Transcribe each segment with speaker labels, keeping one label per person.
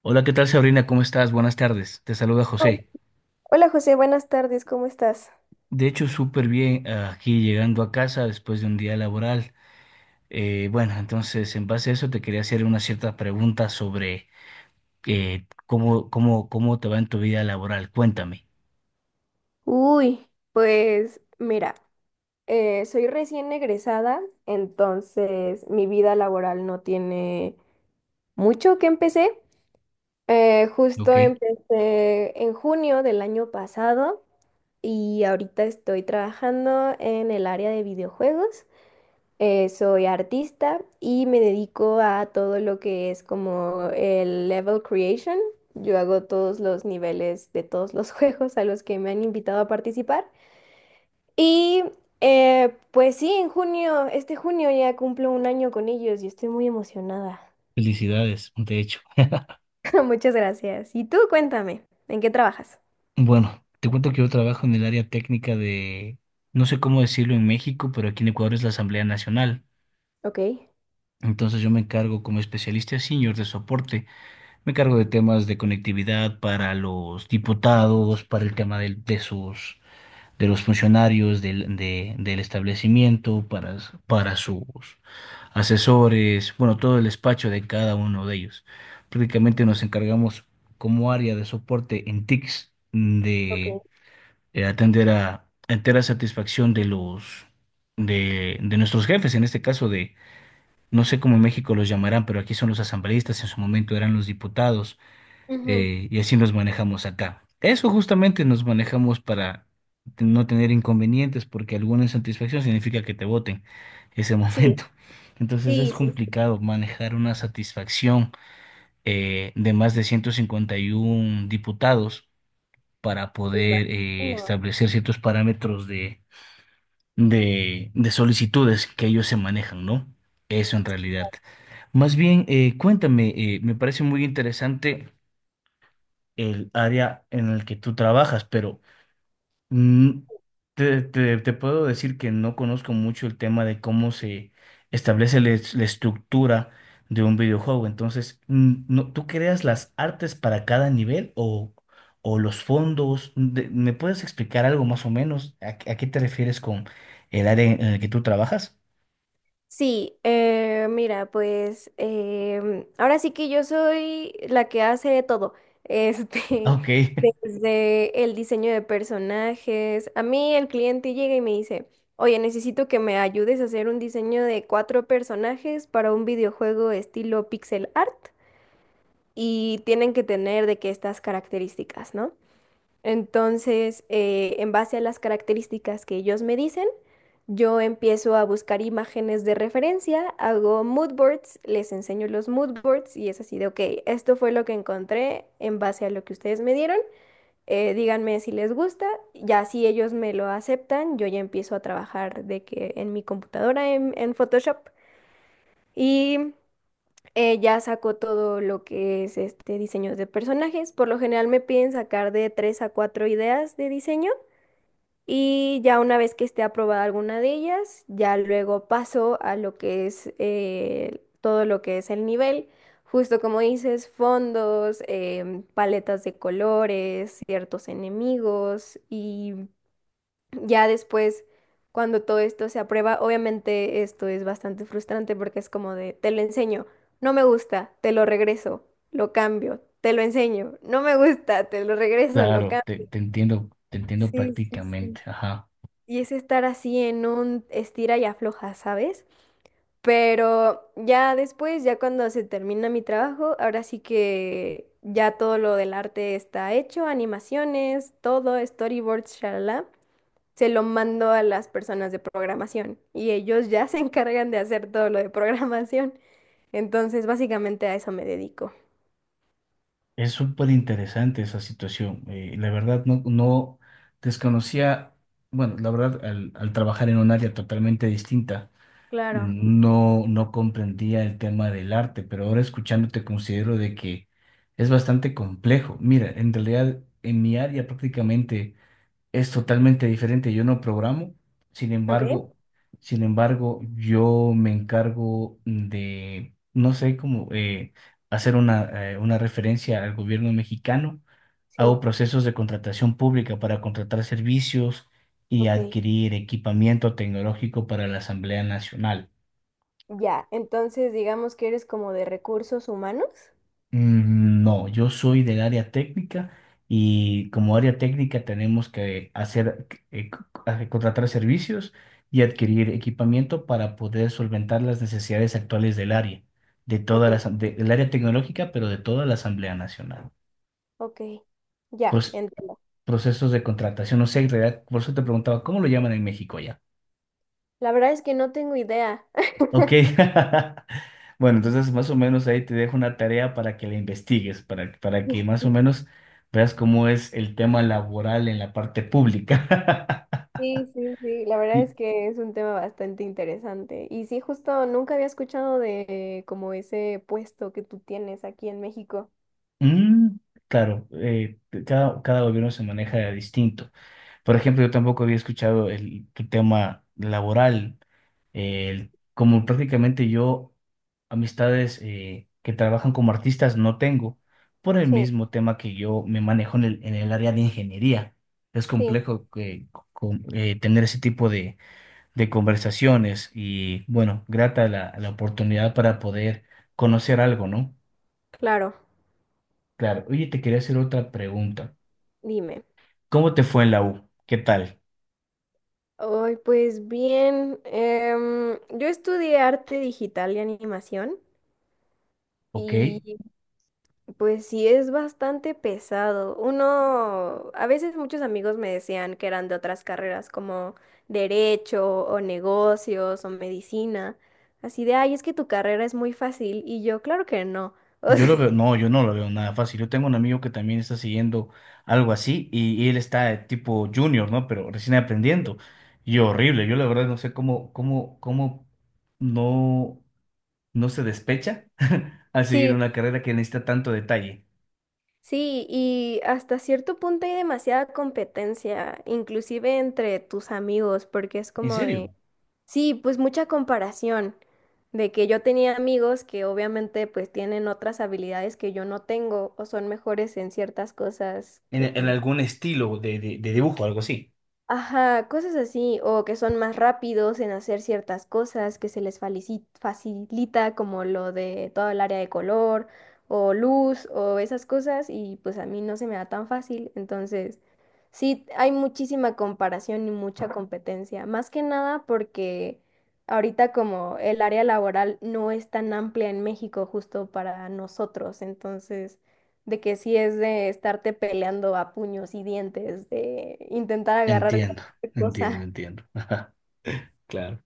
Speaker 1: Hola, ¿qué tal Sabrina? ¿Cómo estás? Buenas tardes. Te saluda
Speaker 2: Hola.
Speaker 1: José.
Speaker 2: Hola, José, buenas tardes, ¿cómo estás?
Speaker 1: De hecho, súper bien aquí llegando a casa después de un día laboral. Bueno, entonces en base a eso te quería hacer una cierta pregunta sobre cómo te va en tu vida laboral. Cuéntame.
Speaker 2: Uy, pues mira, soy recién egresada, entonces mi vida laboral no tiene mucho que empecé.
Speaker 1: Ok.
Speaker 2: Justo empecé en junio del año pasado y ahorita estoy trabajando en el área de videojuegos. Soy artista y me dedico a todo lo que es como el level creation. Yo hago todos los niveles de todos los juegos a los que me han invitado a participar. Y pues sí, en junio, este junio ya cumplo un año con ellos y estoy muy emocionada.
Speaker 1: Felicidades, de hecho.
Speaker 2: Muchas gracias. Y tú, cuéntame, ¿en qué trabajas?
Speaker 1: Bueno, te cuento que yo trabajo en el área técnica de, no sé cómo decirlo en México, pero aquí en Ecuador es la Asamblea Nacional.
Speaker 2: Ok.
Speaker 1: Entonces yo me encargo como especialista senior de soporte. Me cargo de temas de conectividad para los diputados, para el tema de sus, de los funcionarios del establecimiento, para sus asesores, bueno, todo el despacho de cada uno de ellos. Prácticamente nos encargamos como área de soporte en TICS
Speaker 2: Ok.
Speaker 1: de atender a entera satisfacción de los de nuestros jefes, en este caso de, no sé cómo en México los llamarán, pero aquí son los asambleístas, en su momento eran los diputados,
Speaker 2: Ujú.
Speaker 1: y así nos manejamos acá. Eso justamente nos manejamos para no tener inconvenientes, porque alguna insatisfacción significa que te voten ese
Speaker 2: Sí,
Speaker 1: momento. Entonces es
Speaker 2: sí, sí, sí,
Speaker 1: complicado manejar una satisfacción de más de 151 diputados para
Speaker 2: me
Speaker 1: poder
Speaker 2: imagino.
Speaker 1: establecer ciertos parámetros de solicitudes que ellos se manejan, ¿no? Eso en realidad. Más bien, cuéntame, me parece muy interesante el área en el que tú trabajas, pero mm, te puedo decir que no conozco mucho el tema de cómo se establece la estructura de un videojuego. Entonces, no, ¿tú creas las artes para cada nivel o los fondos? Me puedes explicar algo más o menos? A qué te refieres con el área en el que tú trabajas?
Speaker 2: Sí, mira, ahora sí que yo soy la que hace todo,
Speaker 1: Ah,
Speaker 2: este,
Speaker 1: ok,
Speaker 2: desde el diseño de personajes. A mí el cliente llega y me dice, oye, necesito que me ayudes a hacer un diseño de cuatro personajes para un videojuego estilo pixel art y tienen que tener de que estas características, ¿no? Entonces, en base a las características que ellos me dicen, yo empiezo a buscar imágenes de referencia, hago mood boards, les enseño los mood boards y es así de, ok, esto fue lo que encontré en base a lo que ustedes me dieron, díganme si les gusta, ya si ellos me lo aceptan, yo ya empiezo a trabajar de que en mi computadora, en Photoshop y ya saco todo lo que es este diseños de personajes. Por lo general me piden sacar de 3 a 4 ideas de diseño. Y ya una vez que esté aprobada alguna de ellas, ya luego paso a lo que es todo lo que es el nivel. Justo como dices, fondos, em, paletas de colores, ciertos enemigos y ya después, cuando todo esto se aprueba, obviamente esto es bastante frustrante porque es como de, te lo enseño, no me gusta, te lo regreso, lo cambio, te lo enseño, no me gusta, te lo regreso, lo
Speaker 1: claro,
Speaker 2: cambio.
Speaker 1: te entiendo
Speaker 2: Sí, sí, sí.
Speaker 1: prácticamente. Ajá.
Speaker 2: Y es estar así en un estira y afloja, ¿sabes? Pero ya después, ya cuando se termina mi trabajo, ahora sí que ya todo lo del arte está hecho, animaciones, todo, storyboards, shalala. Se lo mando a las personas de programación y ellos ya se encargan de hacer todo lo de programación. Entonces, básicamente a eso me dedico.
Speaker 1: Es súper interesante esa situación. La verdad, no, no desconocía, bueno, la verdad, al trabajar en un área totalmente distinta,
Speaker 2: Claro.
Speaker 1: no, no comprendía el tema del arte, pero ahora escuchándote considero de que es bastante complejo. Mira, en realidad, en mi área prácticamente es totalmente diferente. Yo no programo, sin
Speaker 2: ¿Ok?
Speaker 1: embargo, sin embargo, yo me encargo de, no sé cómo, hacer una referencia al gobierno mexicano.
Speaker 2: Sí.
Speaker 1: Hago procesos de contratación pública para contratar servicios y
Speaker 2: Ok.
Speaker 1: adquirir equipamiento tecnológico para la Asamblea Nacional.
Speaker 2: Ya. Entonces, digamos que eres como de recursos humanos.
Speaker 1: No, yo soy del área técnica y como área técnica tenemos que hacer, contratar servicios y adquirir equipamiento para poder solventar las necesidades actuales del área, de
Speaker 2: Ok.
Speaker 1: toda del área tecnológica, pero de toda la Asamblea Nacional.
Speaker 2: Ok, ya,
Speaker 1: Pues
Speaker 2: entiendo.
Speaker 1: procesos de contratación, no sé, en realidad, por eso te preguntaba, ¿cómo lo llaman en México ya?
Speaker 2: La verdad es que no tengo idea.
Speaker 1: Ok. Bueno, entonces más o menos ahí te dejo una tarea para que la investigues, para que más o menos veas cómo es el tema laboral en la parte pública.
Speaker 2: Sí, sí, sí, la verdad
Speaker 1: Y,
Speaker 2: es que es un tema bastante interesante. Y sí, justo nunca había escuchado de como ese puesto que tú tienes aquí en México.
Speaker 1: mm, claro, cada gobierno se maneja distinto. Por ejemplo, yo tampoco había escuchado el, tu tema laboral. Como prácticamente yo amistades que trabajan como artistas no tengo, por el
Speaker 2: Sí,
Speaker 1: mismo tema que yo me manejo en el área de ingeniería. Es
Speaker 2: sí,
Speaker 1: complejo que, tener ese tipo de conversaciones y bueno, grata la oportunidad para poder conocer algo, ¿no?
Speaker 2: claro,
Speaker 1: Claro, oye, te quería hacer otra pregunta.
Speaker 2: dime.
Speaker 1: ¿Cómo te fue en la U? ¿Qué tal?
Speaker 2: Ay, pues bien, em, yo estudié arte digital y animación
Speaker 1: ¿Ok?
Speaker 2: y pues sí, es bastante pesado. Uno, a veces muchos amigos me decían que eran de otras carreras como derecho o negocios o medicina. Así de, ay, es que tu carrera es muy fácil. Y yo, claro que no. O
Speaker 1: Yo
Speaker 2: sea,
Speaker 1: lo veo, no, yo no lo veo nada fácil. Yo tengo un amigo que también está siguiendo algo así y él está de tipo junior, ¿no? Pero recién aprendiendo. Y horrible, yo la verdad no sé cómo no, no se despecha al seguir
Speaker 2: sí,
Speaker 1: una carrera que necesita tanto detalle.
Speaker 2: sí, y hasta cierto punto hay demasiada competencia, inclusive entre tus amigos, porque es
Speaker 1: En
Speaker 2: como
Speaker 1: serio,
Speaker 2: de... Sí, pues mucha comparación de que yo tenía amigos que obviamente pues tienen otras habilidades que yo no tengo o son mejores en ciertas cosas que
Speaker 1: en
Speaker 2: pues
Speaker 1: algún estilo de dibujo, algo así.
Speaker 2: ajá, cosas así, o que son más rápidos en hacer ciertas cosas, que se les facilita como lo de todo el área de color o luz o esas cosas y pues a mí no se me da tan fácil, entonces sí hay muchísima comparación y mucha competencia, más que nada porque ahorita como el área laboral no es tan amplia en México justo para nosotros, entonces de que sí es de estarte peleando a puños y dientes, de intentar agarrar
Speaker 1: Entiendo,
Speaker 2: cualquier
Speaker 1: entiendo,
Speaker 2: cosa.
Speaker 1: entiendo. Ajá, claro.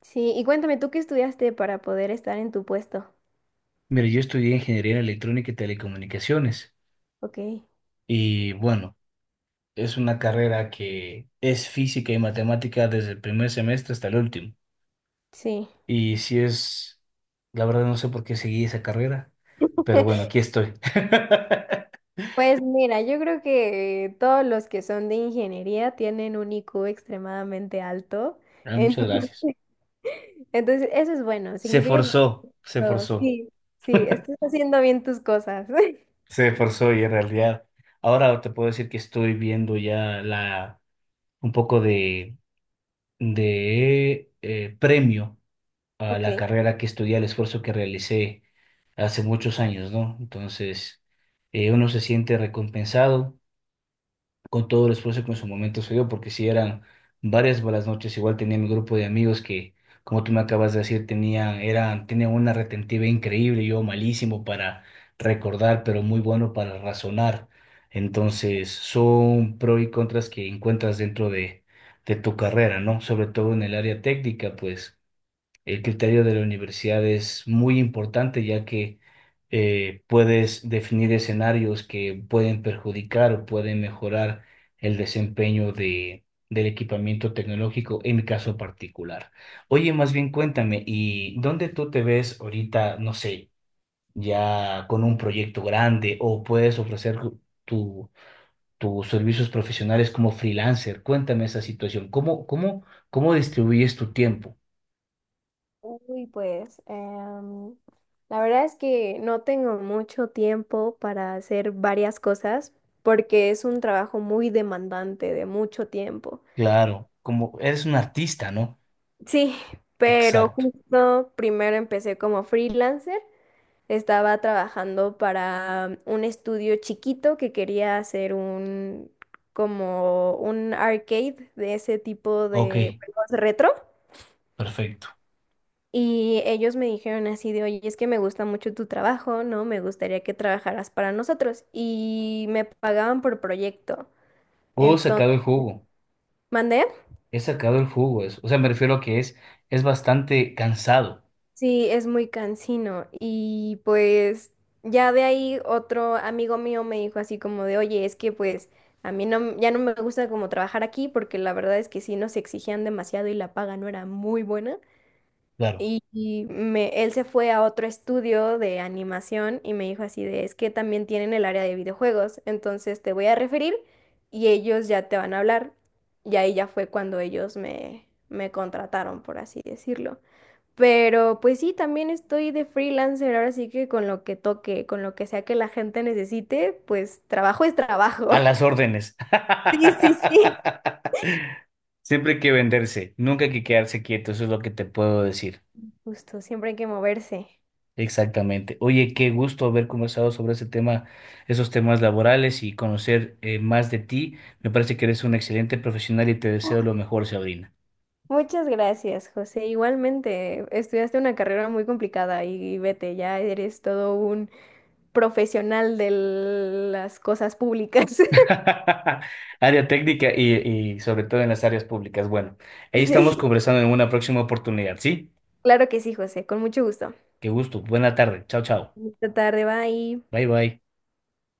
Speaker 2: Sí, y cuéntame, ¿tú qué estudiaste para poder estar en tu puesto?
Speaker 1: Mira, yo estudié ingeniería electrónica y telecomunicaciones
Speaker 2: Ok,
Speaker 1: y bueno. Es una carrera que es física y matemática desde el primer semestre hasta el último.
Speaker 2: sí.
Speaker 1: Y si es, la verdad no sé por qué seguí esa carrera, pero bueno, aquí estoy.
Speaker 2: Pues mira, yo creo que todos los que son de ingeniería tienen un IQ extremadamente alto.
Speaker 1: Ah, muchas
Speaker 2: Entonces,
Speaker 1: gracias.
Speaker 2: entonces, eso es bueno,
Speaker 1: Se
Speaker 2: significa que
Speaker 1: forzó, se
Speaker 2: no,
Speaker 1: forzó,
Speaker 2: sí, sí, estás haciendo bien tus cosas.
Speaker 1: se forzó y en realidad ahora te puedo decir que estoy viendo ya la un poco de, premio a
Speaker 2: Ok.
Speaker 1: la carrera que estudié, al esfuerzo que realicé hace muchos años, ¿no? Entonces, uno se siente recompensado con todo el esfuerzo que en su momento se dio, porque si eran varias malas noches, igual tenía mi grupo de amigos que, como tú me acabas de decir, tenían, eran, tenían una retentiva increíble, yo malísimo para recordar, pero muy bueno para razonar. Entonces, son pros y contras que encuentras dentro de tu carrera, ¿no? Sobre todo en el área técnica, pues. El criterio de la universidad es muy importante ya que puedes definir escenarios que pueden perjudicar o pueden mejorar el desempeño del equipamiento tecnológico en mi caso particular. Oye, más bien cuéntame, ¿y dónde tú te ves ahorita, no sé, ya con un proyecto grande o puedes ofrecer tu, tus servicios profesionales como freelancer? Cuéntame esa situación. Cómo distribuyes tu tiempo?
Speaker 2: Uy, la verdad es que no tengo mucho tiempo para hacer varias cosas porque es un trabajo muy demandante de mucho tiempo.
Speaker 1: Claro, como eres un artista, ¿no?
Speaker 2: Sí, pero
Speaker 1: Exacto.
Speaker 2: justo primero empecé como freelancer. Estaba trabajando para un estudio chiquito que quería hacer un como un arcade de ese tipo
Speaker 1: Ok,
Speaker 2: de juegos retro.
Speaker 1: perfecto.
Speaker 2: Y ellos me dijeron así de, oye, es que me gusta mucho tu trabajo, ¿no? Me gustaría que trabajaras para nosotros. Y me pagaban por proyecto.
Speaker 1: He
Speaker 2: Entonces,
Speaker 1: sacado el jugo.
Speaker 2: ¿mandé?
Speaker 1: He sacado el jugo. O sea, me refiero a que es bastante cansado.
Speaker 2: Sí, es muy cansino. Y pues ya de ahí otro amigo mío me dijo así como de, oye, es que pues a mí no, ya no me gusta como trabajar aquí porque la verdad es que sí nos exigían demasiado y la paga no era muy buena.
Speaker 1: Claro.
Speaker 2: Y me, él se fue a otro estudio de animación y me dijo así de, es que también tienen el área de videojuegos, entonces te voy a referir y ellos ya te van a hablar. Y ahí ya fue cuando ellos me contrataron, por así decirlo. Pero pues sí, también estoy de freelancer, ahora sí que con lo que toque, con lo que sea que la gente necesite, pues trabajo es trabajo.
Speaker 1: A las órdenes.
Speaker 2: Sí, sí, sí.
Speaker 1: Siempre hay que venderse, nunca hay que quedarse quieto, eso es lo que te puedo decir.
Speaker 2: Justo, siempre hay que moverse.
Speaker 1: Exactamente. Oye, qué gusto haber conversado sobre ese tema, esos temas laborales y conocer más de ti. Me parece que eres un excelente profesional y te deseo lo mejor, Sabrina.
Speaker 2: Muchas gracias, José. Igualmente, estudiaste una carrera muy complicada y vete, ya eres todo un profesional de las cosas públicas.
Speaker 1: Área técnica y sobre todo en las áreas públicas. Bueno, ahí estamos
Speaker 2: Sí.
Speaker 1: conversando en una próxima oportunidad, ¿sí?
Speaker 2: Claro que sí, José, con mucho gusto.
Speaker 1: Qué gusto. Buena tarde. Chao, chao.
Speaker 2: Esta tarde, bye.
Speaker 1: Bye, bye.